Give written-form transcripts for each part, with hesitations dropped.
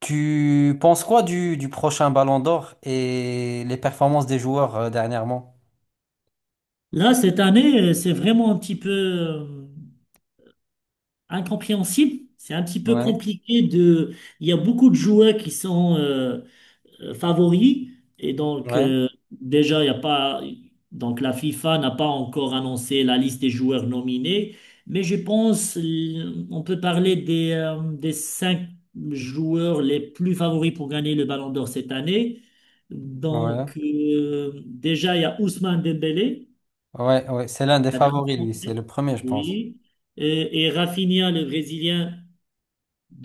Tu penses quoi du prochain Ballon d'Or et les performances des joueurs dernièrement? Là, cette année, c'est vraiment un petit peu incompréhensible. C'est un petit peu Ouais, compliqué de... Il y a beaucoup de joueurs qui sont favoris. Et donc, ouais, déjà, il y a pas... Donc, la FIFA n'a pas encore annoncé la liste des joueurs nominés. Mais je pense on peut parler des cinq joueurs les plus favoris pour gagner le Ballon d'Or cette année. ouais, Donc, déjà, il y a Ousmane Dembélé, ouais, ouais. C'est l'un des l'attaquant favoris, lui. C'est français, le premier, je pense. oui. Et Rafinha, le Brésilien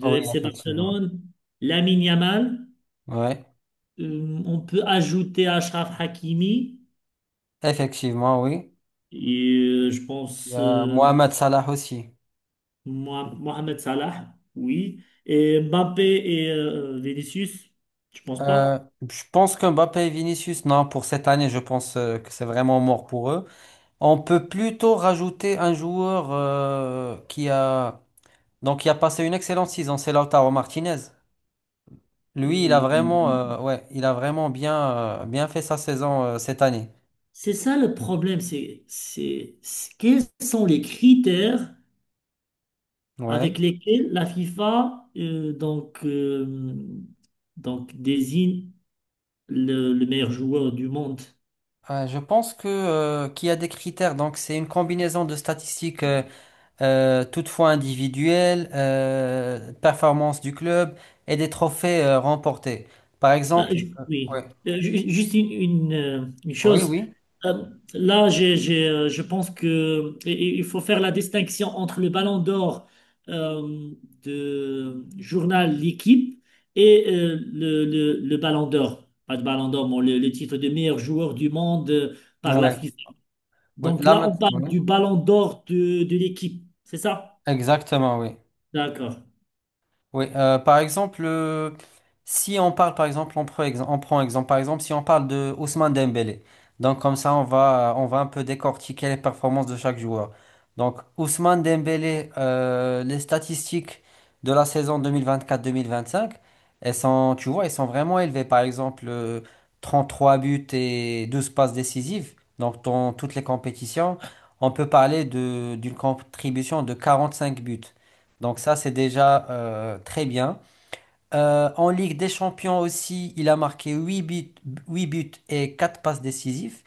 Ah oui, FC effectivement. Barcelone. Lamine Yamal. Ouais, On peut ajouter Achraf Hakimi. effectivement, oui. Et je Il y pense a Mohamed Salah aussi. Mohamed Salah, oui. Et Mbappé et Vinicius, je pense Euh, pas. je pense que Mbappé et Vinicius, non, pour cette année, je pense que c'est vraiment mort pour eux. On peut plutôt rajouter un joueur qui a donc qui a passé une excellente saison, c'est Lautaro Martinez. Lui, Euh, ouais, il a vraiment bien fait sa saison cette année. c'est ça le problème, c'est quels sont les critères Ouais. avec lesquels la FIFA donc désigne le meilleur joueur du monde. Je pense que qu'il y a des critères. Donc, c'est une combinaison de statistiques, toutefois individuelles, performance du club et des trophées remportés. Par Ah, exemple, oui. ouais. Juste une Oui, chose. oui. Euh, Là, j'ai, je pense que il faut faire la distinction entre le Ballon d'Or euh, de journal L'Équipe et le Ballon d'Or. Pas de Ballon d'Or, mais le titre de meilleur joueur du monde par la Ouais. FIFA. Oui. Donc Là, là, on maintenant, parle ouais. du Ballon d'Or de l'Équipe, c'est ça? Exactement, oui. D'accord, Oui, par exemple, si on parle, par exemple, on prend exemple, par exemple, si on parle de Ousmane Dembélé, donc comme ça, on va un peu décortiquer les performances de chaque joueur. Donc, Ousmane Dembélé, les statistiques de la saison deux mille vingt-quatre-vingt-cinq, elles sont, tu vois, elles sont vraiment élevées. Par exemple, trois buts et 12 passes décisives, donc dans toutes les compétitions, on peut parler d'une contribution de 45 buts. Donc ça, c'est déjà très bien. En Ligue des Champions aussi, il a marqué 8 buts et 4 passes décisives.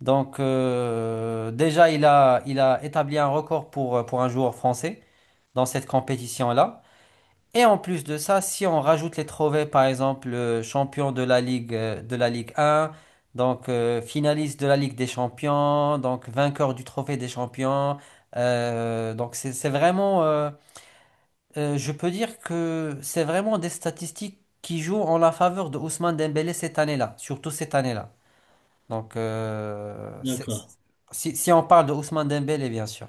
Donc déjà, il a établi un record pour un joueur français dans cette compétition-là. Et en plus de ça, si on rajoute les trophées, par exemple, champion de la Ligue 1, donc finaliste de la Ligue des Champions, donc vainqueur du trophée des champions, donc c'est vraiment. Je peux dire que c'est vraiment des statistiques qui jouent en la faveur de Ousmane Dembélé cette année-là, surtout cette année-là. Donc, euh, c'est- d'accord, c'est- si, si on parle de Ousmane Dembélé, bien sûr.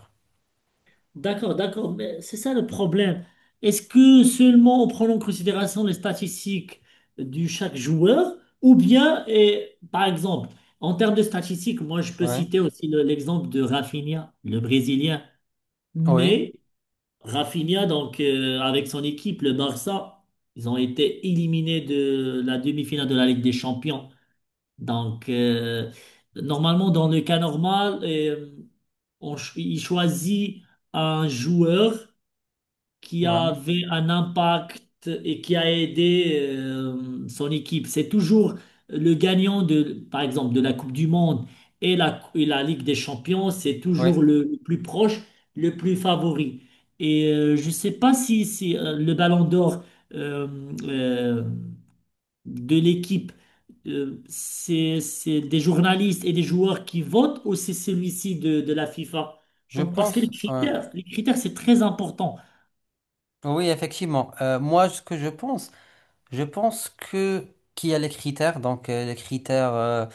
d'accord. Mais c'est ça le problème. Est-ce que seulement on prend en considération les statistiques de chaque joueur ou bien, et, par exemple, en termes de statistiques, moi je peux Oui, citer aussi l'exemple de Rafinha, le Brésilien. oui, Mais Rafinha, donc avec son équipe, le Barça, ils ont été éliminés de la demi-finale de la Ligue des Champions. Donc, normalement, dans le cas normal, on il choisit un joueur qui oui, avait un impact et qui a aidé son équipe. C'est toujours le gagnant de, par exemple, de la Coupe du Monde et la Ligue des Champions. C'est oui. toujours le plus proche, le plus favori. Et je ne sais pas si, le Ballon d'Or euh, euh, de l'Équipe, c'est des journalistes et des joueurs qui votent ou c'est celui-ci de la FIFA? Je Donc, parce que pense, ouais. Les critères, c'est très important. Oui, effectivement. Moi, ce que je pense, je pense que qu'il y a les critères, donc les critères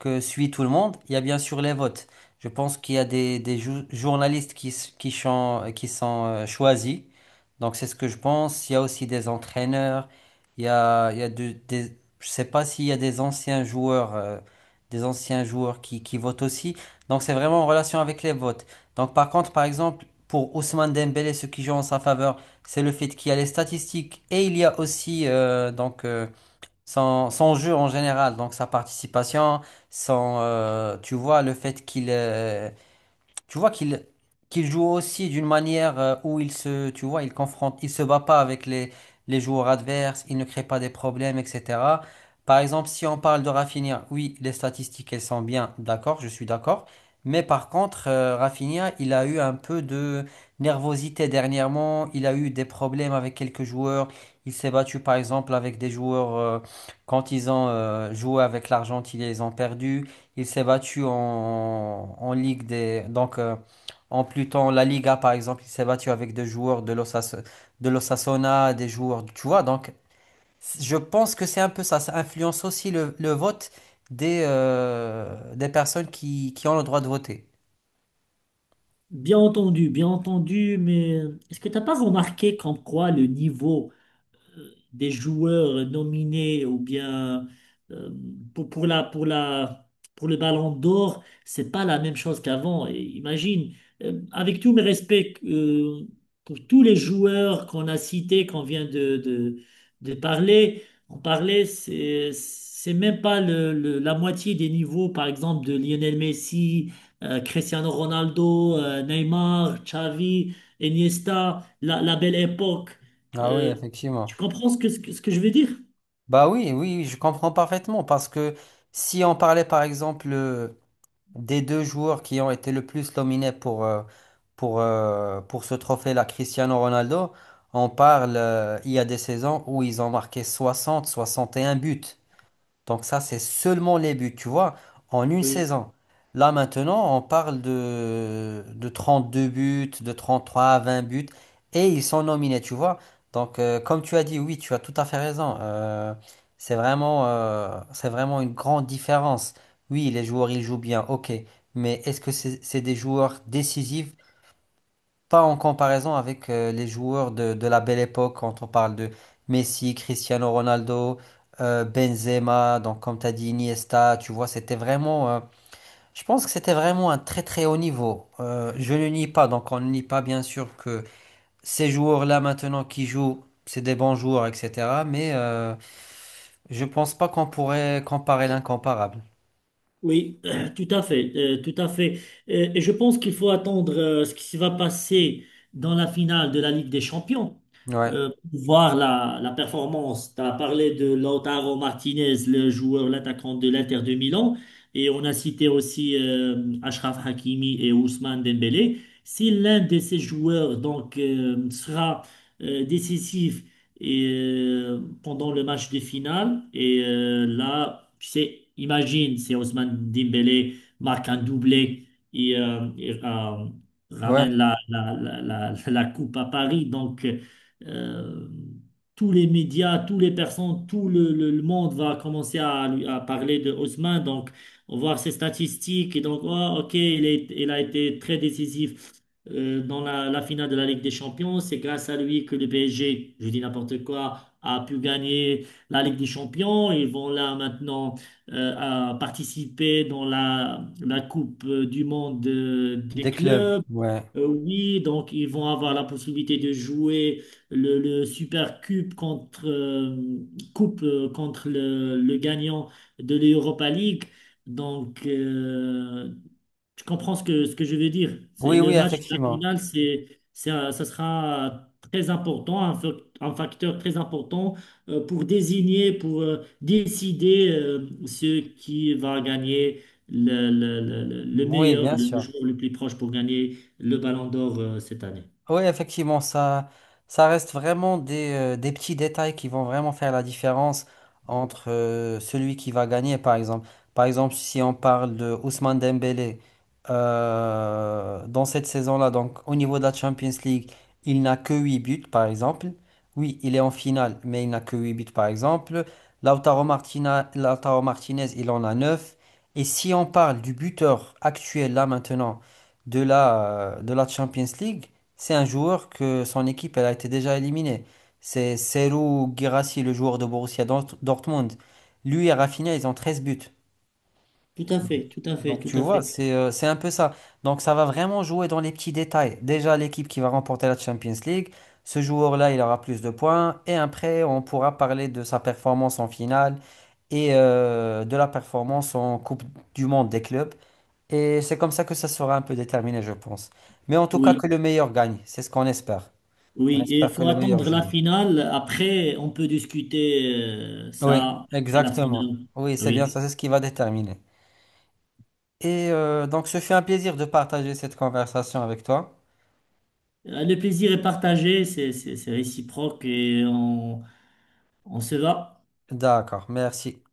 que suit tout le monde. Il y a bien sûr les votes. Je pense qu'il y a des journalistes qui, s- qui, chan- qui sont choisis. Donc c'est ce que je pense. Il y a aussi des entraîneurs. Il y a des, je sais pas s'il y a des anciens joueurs qui votent aussi. Donc c'est vraiment en relation avec les votes. Donc par contre, par exemple, pour Ousmane Dembélé, ceux qui jouent en sa faveur. C'est le fait qu'il y a les statistiques et il y a aussi donc son jeu en général, donc sa participation, son, tu vois, le fait qu'il tu vois qu'il joue aussi d'une manière où il se, tu vois, il confronte, il se bat pas avec les joueurs adverses, il ne crée pas des problèmes, etc. Par exemple, si on parle de Rafinha, oui, les statistiques, elles sont bien, d'accord, je suis d'accord. Mais par contre, Rafinha, il a eu un peu de nervosité dernièrement, il a eu des problèmes avec quelques joueurs, il s'est battu par exemple avec des joueurs quand ils ont joué avec l'Argentine, ils les ont perdus. Il s'est battu en Ligue des. Donc, en Pluton, la Liga, par exemple, il s'est battu avec des joueurs de l'Osasuna, des joueurs. Tu vois, donc, je pense que c'est un peu ça. Ça influence aussi le vote des personnes qui ont le droit de voter. Bien entendu, mais est-ce que tu n'as pas remarqué comme quoi le niveau des joueurs nominés ou bien euh, pour, pour le Ballon d'Or, c'est pas la même chose qu'avant. Et imagine, avec tous mes respects pour tous les joueurs qu'on a cités, qu'on vient de parler, on parlait, c'est même pas la moitié des niveaux, par exemple, de Lionel Messi, Cristiano Ronaldo, Neymar, Xavi, Iniesta, la belle époque. Ah oui, Euh, tu effectivement. comprends ce que, ce que je veux dire? Bah oui, oui, je comprends parfaitement parce que si on parlait, par exemple, des deux joueurs qui ont été le plus nominés pour ce trophée-là, Cristiano Ronaldo, on parle, il y a des saisons où ils ont marqué 60, 61 buts. Donc ça, c'est seulement les buts, tu vois, en une Oui, saison. Là maintenant, on parle de 32 buts, de 33, 20 buts, et ils sont nominés, tu vois. Donc comme tu as dit, oui, tu as tout à fait raison. C'est vraiment une grande différence. Oui, les joueurs, ils jouent bien, ok, mais est-ce que c'est des joueurs décisifs? Pas en comparaison avec les joueurs de la belle époque, quand on parle de Messi, Cristiano Ronaldo, Benzema, donc comme tu as dit Iniesta, tu vois, c'était vraiment, je pense que c'était vraiment un très très haut niveau. Je ne nie pas, donc on ne nie pas bien sûr que ces joueurs-là maintenant qui jouent, c'est des bons joueurs, etc. Mais je pense pas qu'on pourrait comparer l'incomparable. oui, tout à fait, tout à fait. Et je pense qu'il faut attendre ce qui se va passer dans la finale de la Ligue des Champions Ouais, pour voir la performance. Tu as parlé de Lautaro Martinez, le joueur, l'attaquant de l'Inter de Milan, et on a cité aussi Achraf Hakimi et Ousmane Dembélé. Si l'un de ces joueurs donc sera décisif et, pendant le match de finale. Et là, tu sais, imagine, c'est Ousmane Dembélé marque un doublé et, ouais, ramène la coupe à Paris. Donc, euh, tous les médias, toutes les personnes, tout le monde va commencer à, à parler de Ousmane. Donc, on voit ses statistiques et donc, oh, ok, il est, il a été très décisif dans la finale de la Ligue des Champions. C'est grâce à lui que le PSG, je dis n'importe quoi, a pu gagner la Ligue des Champions. Ils vont là maintenant à participer dans la Coupe du Monde des des clubs, clubs. ouais. Oui, donc ils vont avoir la possibilité de jouer le Super Cup contre, coupe, contre le gagnant de l'Europa League. Donc, tu comprends ce que je veux dire. Oui, Le oui, match de la effectivement. finale, c'est ça sera très important, un facteur très important pour désigner, pour décider ce qui va gagner le Oui, meilleur, bien le sûr. joueur le plus proche pour gagner le Ballon d'Or cette année. Oui, effectivement, ça reste vraiment des petits détails qui vont vraiment faire la différence entre celui qui va gagner, par exemple. Par exemple, si on parle de Ousmane Dembélé, dans cette saison-là, donc au niveau de la Champions League, il n'a que 8 buts, par exemple. Oui, il est en finale, mais il n'a que 8 buts, par exemple. Lautaro Martinez, il en a 9. Et si on parle du buteur actuel, là maintenant, de la Champions League, c'est un joueur que son équipe elle a été déjà éliminée. C'est Serhou Guirassy, le joueur de Borussia Dortmund. Lui et Rafinha, ils ont 13 buts. Tout à fait, tout à fait, Donc tout tu à vois, fait. c'est un peu ça. Donc ça va vraiment jouer dans les petits détails. Déjà, l'équipe qui va remporter la Champions League, ce joueur-là, il aura plus de points. Et après, on pourra parler de sa performance en finale et de la performance en Coupe du Monde des clubs. Et c'est comme ça que ça sera un peu déterminé, je pense. Mais en tout cas, Oui, que le meilleur gagne. C'est ce qu'on espère. On oui. Et il espère que faut le meilleur attendre la joue. finale. Après, on peut discuter Oui, ça après la exactement. finale. Oui, c'est bien Oui. ça, c'est ce qui va déterminer. Et donc, ce fut un plaisir de partager cette conversation avec toi. Le plaisir est partagé, c'est c'est réciproque et on se va. D'accord, merci.